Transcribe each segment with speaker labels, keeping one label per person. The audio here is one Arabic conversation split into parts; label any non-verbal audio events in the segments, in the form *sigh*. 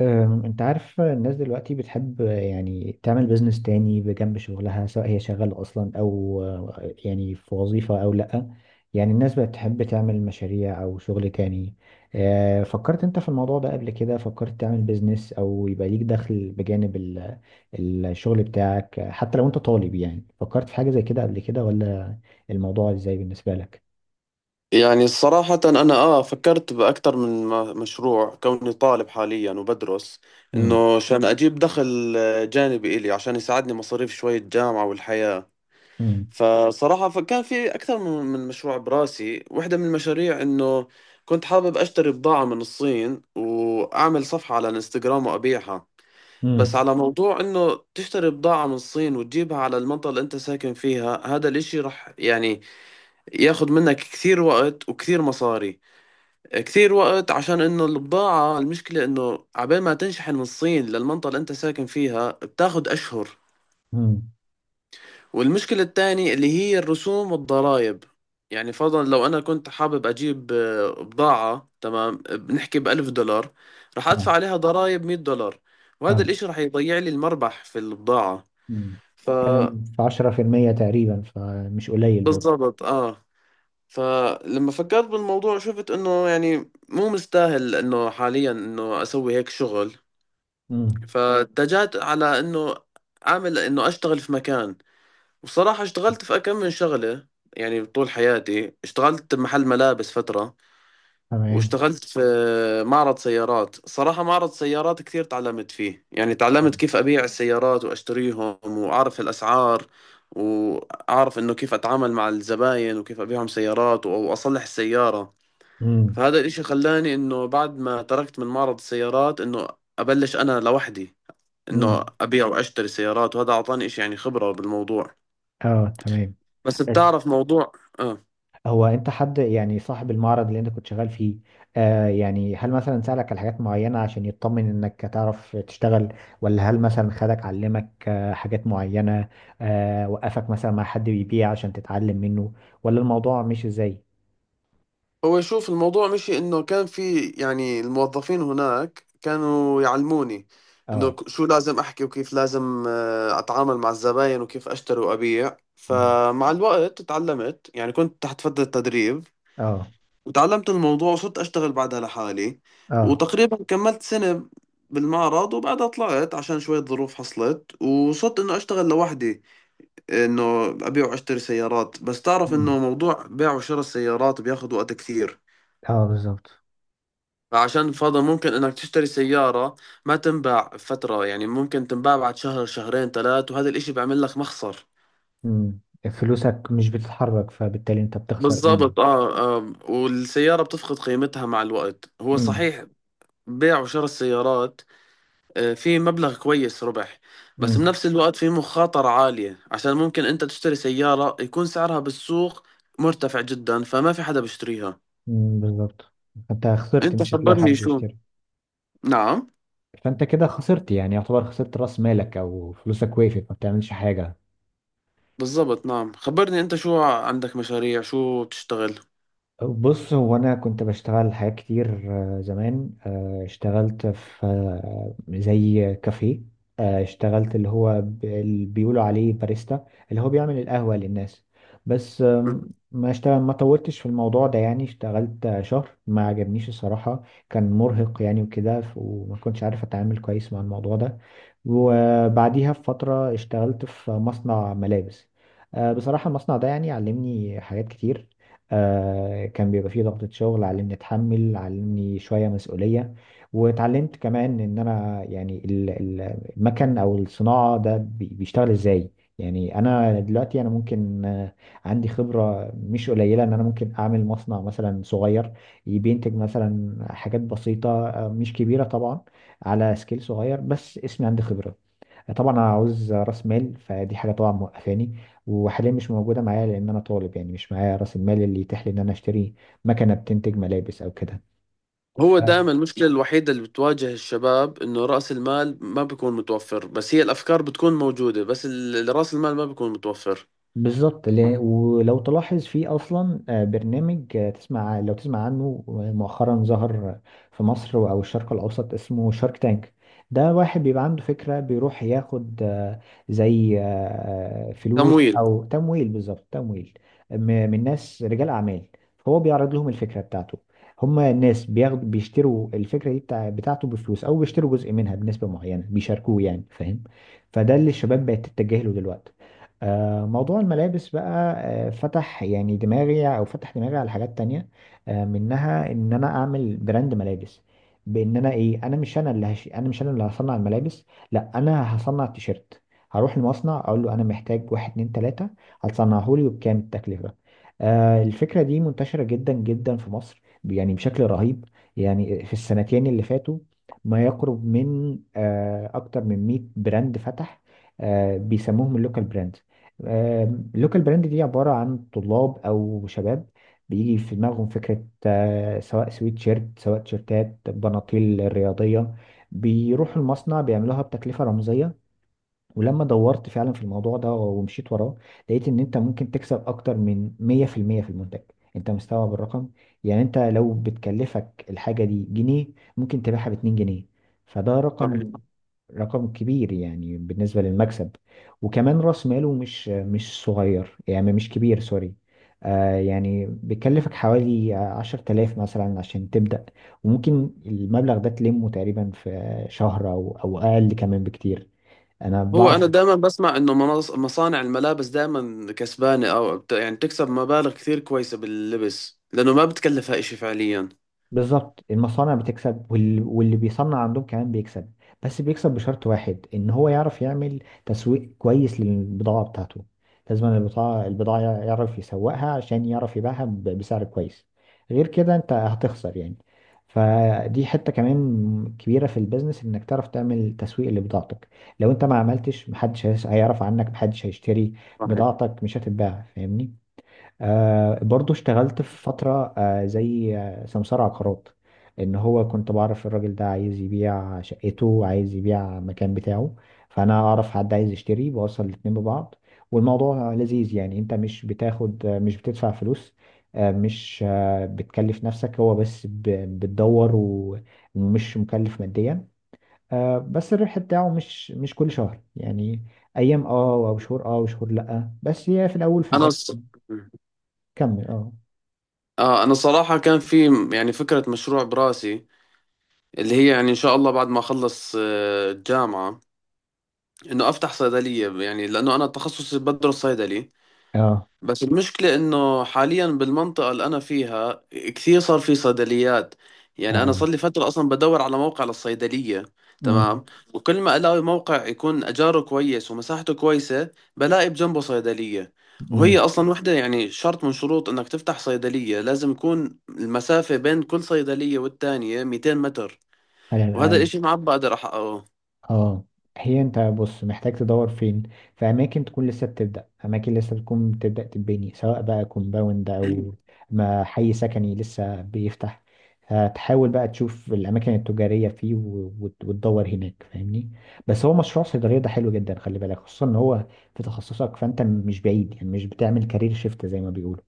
Speaker 1: انت عارف الناس دلوقتي بتحب يعني تعمل بيزنس تاني بجنب شغلها سواء هي شغالة اصلا او يعني في وظيفة او لا. يعني الناس بقت تحب تعمل مشاريع او شغل تاني. فكرت انت في الموضوع ده قبل كده؟ فكرت تعمل بيزنس او يبقى ليك دخل بجانب الشغل بتاعك؟ حتى لو انت طالب، يعني فكرت في حاجة زي كده قبل كده، ولا الموضوع ازاي بالنسبة لك؟
Speaker 2: يعني صراحة أنا فكرت بأكثر من مشروع، كوني طالب حاليا وبدرس،
Speaker 1: امم.
Speaker 2: إنه عشان أجيب دخل جانبي إلي عشان يساعدني مصاريف شوية جامعة والحياة. فصراحة فكان في أكثر من مشروع براسي. واحدة من المشاريع إنه كنت حابب أشتري بضاعة من الصين وأعمل صفحة على الانستغرام وأبيعها. بس
Speaker 1: امم.
Speaker 2: على موضوع إنه تشتري بضاعة من الصين وتجيبها على المنطقة اللي أنت ساكن فيها، هذا الإشي رح يعني ياخد منك كثير وقت وكثير مصاري، كتير وقت، عشان انه البضاعة المشكلة انه عبال ما تنشحن من الصين للمنطقة اللي انت ساكن فيها بتاخد اشهر.
Speaker 1: امم.
Speaker 2: والمشكلة الثانية اللي هي الرسوم والضرائب. يعني فرضا لو انا كنت حابب اجيب بضاعة، تمام، بنحكي بألف دولار، رح
Speaker 1: اه.
Speaker 2: ادفع عليها ضرائب 100 دولار. وهذا
Speaker 1: اه.
Speaker 2: الاشي رح يضيع لي المربح في البضاعة.
Speaker 1: مم.
Speaker 2: ف
Speaker 1: بتتكلم في عشرة في المية تقريبا، فمش قليل برضه.
Speaker 2: بالضبط، اه. فلما فكرت بالموضوع شفت انه يعني مو مستاهل انه حاليا انه اسوي هيك شغل.
Speaker 1: مم.
Speaker 2: فاتجهت على انه اعمل، انه اشتغل في مكان. وصراحة اشتغلت في كم من شغلة. يعني طول حياتي اشتغلت بمحل ملابس فترة،
Speaker 1: تمام.
Speaker 2: واشتغلت في معرض سيارات. صراحة معرض سيارات كثير تعلمت فيه. يعني تعلمت كيف أبيع السيارات وأشتريهم وأعرف الأسعار، وأعرف إنه كيف أتعامل مع الزباين وكيف أبيعهم سيارات أو أصلح السيارة.
Speaker 1: مم.
Speaker 2: فهذا الإشي خلاني إنه بعد ما تركت من معرض السيارات، إنه أبلش أنا لوحدي، انه
Speaker 1: مم.
Speaker 2: ابيع واشتري سيارات. وهذا اعطاني إشي يعني خبرة بالموضوع.
Speaker 1: اه، تمام.
Speaker 2: بس
Speaker 1: بس
Speaker 2: بتعرف موضوع. اه.
Speaker 1: هو انت، حد يعني صاحب المعرض اللي انت كنت شغال فيه، يعني هل مثلا سألك على حاجات معينة عشان يطمن انك تعرف تشتغل، ولا هل مثلا خدك علمك حاجات معينة، وقفك مثلا مع حد بيبيع عشان تتعلم منه، ولا الموضوع مش ازاي؟
Speaker 2: هو شوف الموضوع مشي. انه كان في يعني الموظفين هناك كانوا يعلموني انه
Speaker 1: اه.
Speaker 2: شو لازم احكي وكيف لازم اتعامل مع الزباين وكيف اشتري وابيع.
Speaker 1: مم.
Speaker 2: فمع الوقت تعلمت، يعني كنت تحت فترة تدريب،
Speaker 1: اه.
Speaker 2: وتعلمت الموضوع وصرت اشتغل بعدها لحالي.
Speaker 1: اه.
Speaker 2: وتقريبا كملت سنة بالمعرض. وبعدها طلعت عشان شوية ظروف حصلت، وصرت انه اشتغل لوحدي، انه ابيع واشتري سيارات. بس تعرف
Speaker 1: مم.
Speaker 2: انه موضوع بيع وشراء السيارات بياخذ وقت كثير.
Speaker 1: اه، بالظبط.
Speaker 2: فعشان فضل ممكن انك تشتري سيارة ما تنباع فترة. يعني ممكن تنباع بعد شهر، شهرين، ثلاث، وهذا الاشي بيعمل لك مخسر.
Speaker 1: مم. فلوسك مش بتتحرك، فبالتالي انت بتخسر قيمة.
Speaker 2: بالضبط، والسيارة بتفقد قيمتها مع الوقت، هو
Speaker 1: مم.
Speaker 2: صحيح. بيع وشراء السيارات في مبلغ كويس ربح. بس
Speaker 1: مم.
Speaker 2: بنفس الوقت في مخاطرة عالية، عشان ممكن انت تشتري سيارة يكون سعرها بالسوق مرتفع جدا فما في حدا بيشتريها.
Speaker 1: مم. بالظبط. فانت خسرت،
Speaker 2: انت
Speaker 1: مش هتلاقي
Speaker 2: خبرني
Speaker 1: حد
Speaker 2: شو.
Speaker 1: يشتري.
Speaker 2: نعم.
Speaker 1: فانت كده خسرت، يعني يعتبر خسرت راس مالك او فلوسك وقفت، ما بتعملش حاجة.
Speaker 2: بالضبط، نعم، خبرني انت، شو عندك مشاريع، شو بتشتغل؟
Speaker 1: بص، هو انا كنت بشتغل حاجات كتير. زمان اشتغلت في زي كافيه. اشتغلت اللي هو اللي بيقولوا عليه باريستا، اللي هو بيعمل القهوة للناس. بس
Speaker 2: مم.
Speaker 1: ما طولتش في الموضوع ده. يعني اشتغلت شهر، ما عجبنيش الصراحة. كان مرهق يعني وكده، وما كنتش عارف اتعامل كويس مع الموضوع ده. وبعديها بفترة اشتغلت في مصنع ملابس. بصراحة المصنع ده يعني علمني حاجات كتير. كان بيبقى فيه ضغطة شغل، علمني اتحمل، علمني شوية مسؤولية. واتعلمت كمان ان انا يعني المكن او الصناعة ده بيشتغل ازاي. يعني انا دلوقتي انا ممكن، عندي خبرة مش قليلة، ان انا ممكن اعمل مصنع مثلا صغير بينتج مثلا حاجات بسيطة، مش كبيرة طبعا، على سكيل صغير، بس اسمي عندي خبرة. طبعا انا عاوز راس مال، فدي حاجه طبعا موقفاني، وحاليا مش موجوده معايا لان انا طالب، يعني مش معايا راس المال اللي يتيح لي ان انا اشتري مكنه بتنتج ملابس او كده.
Speaker 2: هو دائما المشكلة الوحيدة اللي بتواجه الشباب انه رأس المال ما بيكون متوفر، بس هي الافكار بتكون موجودة، بس رأس المال ما بيكون متوفر.
Speaker 1: بالظبط. ولو تلاحظ في اصلا برنامج آه، تسمع لو تسمع عنه، مؤخرا ظهر في مصر او الشرق الاوسط، اسمه شارك تانك. ده واحد بيبقى عنده فكرة، بيروح ياخد زي فلوس
Speaker 2: تمويل.
Speaker 1: او تمويل، بالظبط تمويل، م- من ناس رجال اعمال. هو بيعرض لهم الفكرة بتاعته، هما الناس بيشتروا الفكرة دي بتاعته بفلوس، او بيشتروا جزء منها بنسبة معينة، بيشاركوه يعني، فاهم؟ فده اللي الشباب بقت تتجه له دلوقتي. موضوع الملابس بقى فتح يعني دماغي او فتح دماغي على حاجات تانية، منها ان انا اعمل براند ملابس، بان انا ايه، انا مش انا اللي هصنع الملابس، لا انا هصنع التيشيرت، هروح المصنع اقول له انا محتاج واحد اتنين تلاتة، هتصنعه لي، وبكام التكلفة. الفكرة دي منتشرة جدا جدا في مصر يعني، بشكل رهيب. يعني في السنتين اللي فاتوا، ما يقرب من اكتر من 100 براند فتح. بيسموهم اللوكال براند. اللوكال براند دي عبارة عن طلاب أو شباب، بيجي في دماغهم فكرة، سواء سويت شيرت، سواء تيشيرتات، بناطيل رياضية، بيروحوا المصنع بيعملوها بتكلفة رمزية. ولما دورت فعلا في الموضوع ده ومشيت وراه، لقيت ان انت ممكن تكسب اكتر من 100% في المية في المنتج. انت مستوعب الرقم؟ يعني انت لو بتكلفك الحاجة دي جنيه، ممكن تبيعها ب 2 جنيه. فده
Speaker 2: صحيح.
Speaker 1: رقم كبير يعني بالنسبة للمكسب. وكمان راس ماله مش صغير، يعني مش كبير، سوري. يعني بيكلفك حوالي 10 تلاف مثلا عشان تبدأ، وممكن المبلغ ده تلمه تقريبا في شهر أو أقل كمان بكتير، أنا
Speaker 2: هو
Speaker 1: بعرف.
Speaker 2: انا دائما بسمع انه مصانع الملابس دائما كسبانة او يعني بتكسب مبالغ كثير كويسة باللبس، لانه ما بتكلفها اشي فعليا.
Speaker 1: بالظبط، المصانع بتكسب، واللي بيصنع عندهم كمان بيكسب. بس بيكسب بشرط واحد، ان هو يعرف يعمل تسويق كويس للبضاعة بتاعته. لازم البضاعة، يعرف يسوقها عشان يعرف يبيعها بسعر كويس. غير كده انت هتخسر يعني. فدي حتة كمان كبيرة في البيزنس، انك تعرف تعمل تسويق لبضاعتك. لو انت ما عملتش، محدش هيعرف عنك، محدش هيشتري
Speaker 2: صحيح.
Speaker 1: بضاعتك، مش هتتباع، فاهمني؟ برضو اشتغلت في فترة زي سمسار عقارات. ان هو كنت بعرف الراجل ده عايز يبيع شقته، عايز يبيع المكان بتاعه، فانا اعرف حد عايز يشتري، بوصل الاتنين ببعض. والموضوع لذيذ يعني، انت مش بتاخد آه مش بتدفع فلوس، مش بتكلف نفسك، هو بس بتدور ومش مكلف ماديا. بس الربح بتاعه مش كل شهر يعني، ايام او شهور وشهور لا، بس هي في الاول في
Speaker 2: انا
Speaker 1: الاخر.
Speaker 2: الص- مم.
Speaker 1: كمل، اه.
Speaker 2: اه، انا صراحة كان في يعني فكرة مشروع براسي، اللي هي يعني ان شاء الله بعد ما اخلص الجامعه، انه افتح صيدليه. يعني لانه انا تخصصي بدرس صيدلي.
Speaker 1: اه.
Speaker 2: بس المشكله انه حاليا بالمنطقه اللي انا فيها كثير صار في صيدليات. يعني انا
Speaker 1: اه.
Speaker 2: صار لي فتره اصلا بدور على موقع للصيدليه.
Speaker 1: امم.
Speaker 2: تمام. وكل ما الاقي موقع يكون اجاره كويس ومساحته كويسه، بلاقي بجنبه صيدليه. وهي
Speaker 1: امم.
Speaker 2: اصلا وحده يعني شرط من شروط انك تفتح صيدليه، لازم يكون المسافه بين كل صيدليه والتانيه 200 متر.
Speaker 1: على
Speaker 2: وهذا
Speaker 1: الاقل.
Speaker 2: الاشي معبى على رح
Speaker 1: اه. هي انت بص، محتاج تدور فين. في اماكن تكون لسه بتبدا، اماكن لسه بتكون بتبدا تتبني، سواء بقى كومباوند او
Speaker 2: *clears throat*
Speaker 1: ما حي سكني لسه بيفتح. هتحاول بقى تشوف الاماكن التجاريه فيه وتدور هناك، فاهمني؟ بس هو مشروع صيدليه ده حلو جدا، خلي بالك. خصوصا ان هو في تخصصك، فانت مش بعيد، يعني مش بتعمل كارير شيفت زي ما بيقولوا،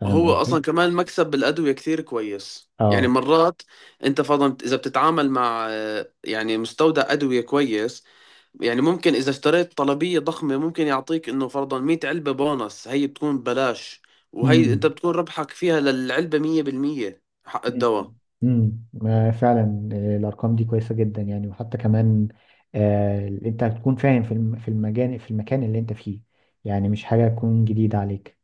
Speaker 1: فاهم
Speaker 2: وهو
Speaker 1: قصدي؟
Speaker 2: اصلا كمان مكسب بالادويه كثير كويس. يعني
Speaker 1: اه.
Speaker 2: مرات انت فرضا اذا بتتعامل مع يعني مستودع ادويه كويس، يعني ممكن اذا اشتريت طلبيه ضخمه ممكن يعطيك انه فرضا 100 علبه بونص هي بتكون ببلاش. وهي انت
Speaker 1: امم.
Speaker 2: بتكون ربحك فيها للعلبه 100% حق الدواء.
Speaker 1: امم. فعلا الارقام دي كويسه جدا يعني. وحتى كمان انت هتكون فاهم في في المجان، في المكان اللي انت فيه، يعني مش حاجه تكون جديده عليك.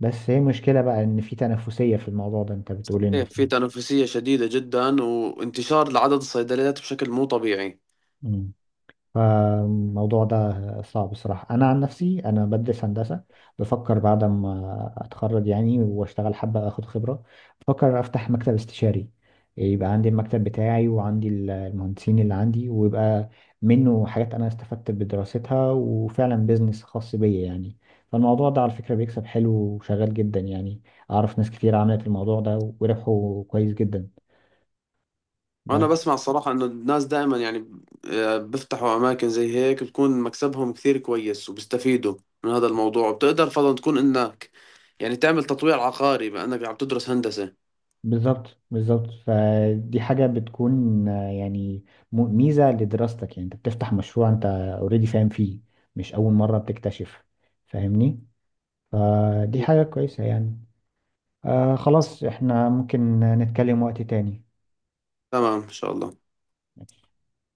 Speaker 1: بس هي مشكله بقى، ان في تنافسيه في الموضوع ده، انت بتقول ان
Speaker 2: صحيح. في تنافسيه شديده جدا وانتشار لعدد الصيدليات بشكل مو طبيعي.
Speaker 1: في. فالموضوع ده صعب. بصراحة أنا عن نفسي أنا بدرس هندسة، بفكر بعد ما أتخرج يعني وأشتغل حبة أخد خبرة، بفكر أفتح مكتب استشاري، يبقى عندي المكتب بتاعي وعندي المهندسين اللي عندي، ويبقى منه حاجات أنا استفدت بدراستها، وفعلا بيزنس خاص بيا يعني. فالموضوع ده على فكرة بيكسب حلو وشغال جدا يعني، أعرف ناس كتير عملت الموضوع ده وربحوا كويس جدا،
Speaker 2: انا
Speaker 1: بس.
Speaker 2: بسمع الصراحه ان الناس دائما يعني بيفتحوا اماكن زي هيك بتكون مكسبهم كثير كويس وبيستفيدوا من هذا الموضوع. وبتقدر فضلا تكون انك يعني تعمل تطوير عقاري بانك عم تدرس هندسه.
Speaker 1: بالظبط، بالظبط. فدي حاجة بتكون يعني ميزة لدراستك، يعني انت بتفتح مشروع انت اوريدي فاهم فيه، مش أول مرة بتكتشف، فاهمني؟ فدي حاجة كويسة يعني. خلاص، احنا ممكن نتكلم وقت تاني.
Speaker 2: تمام ان شاء الله.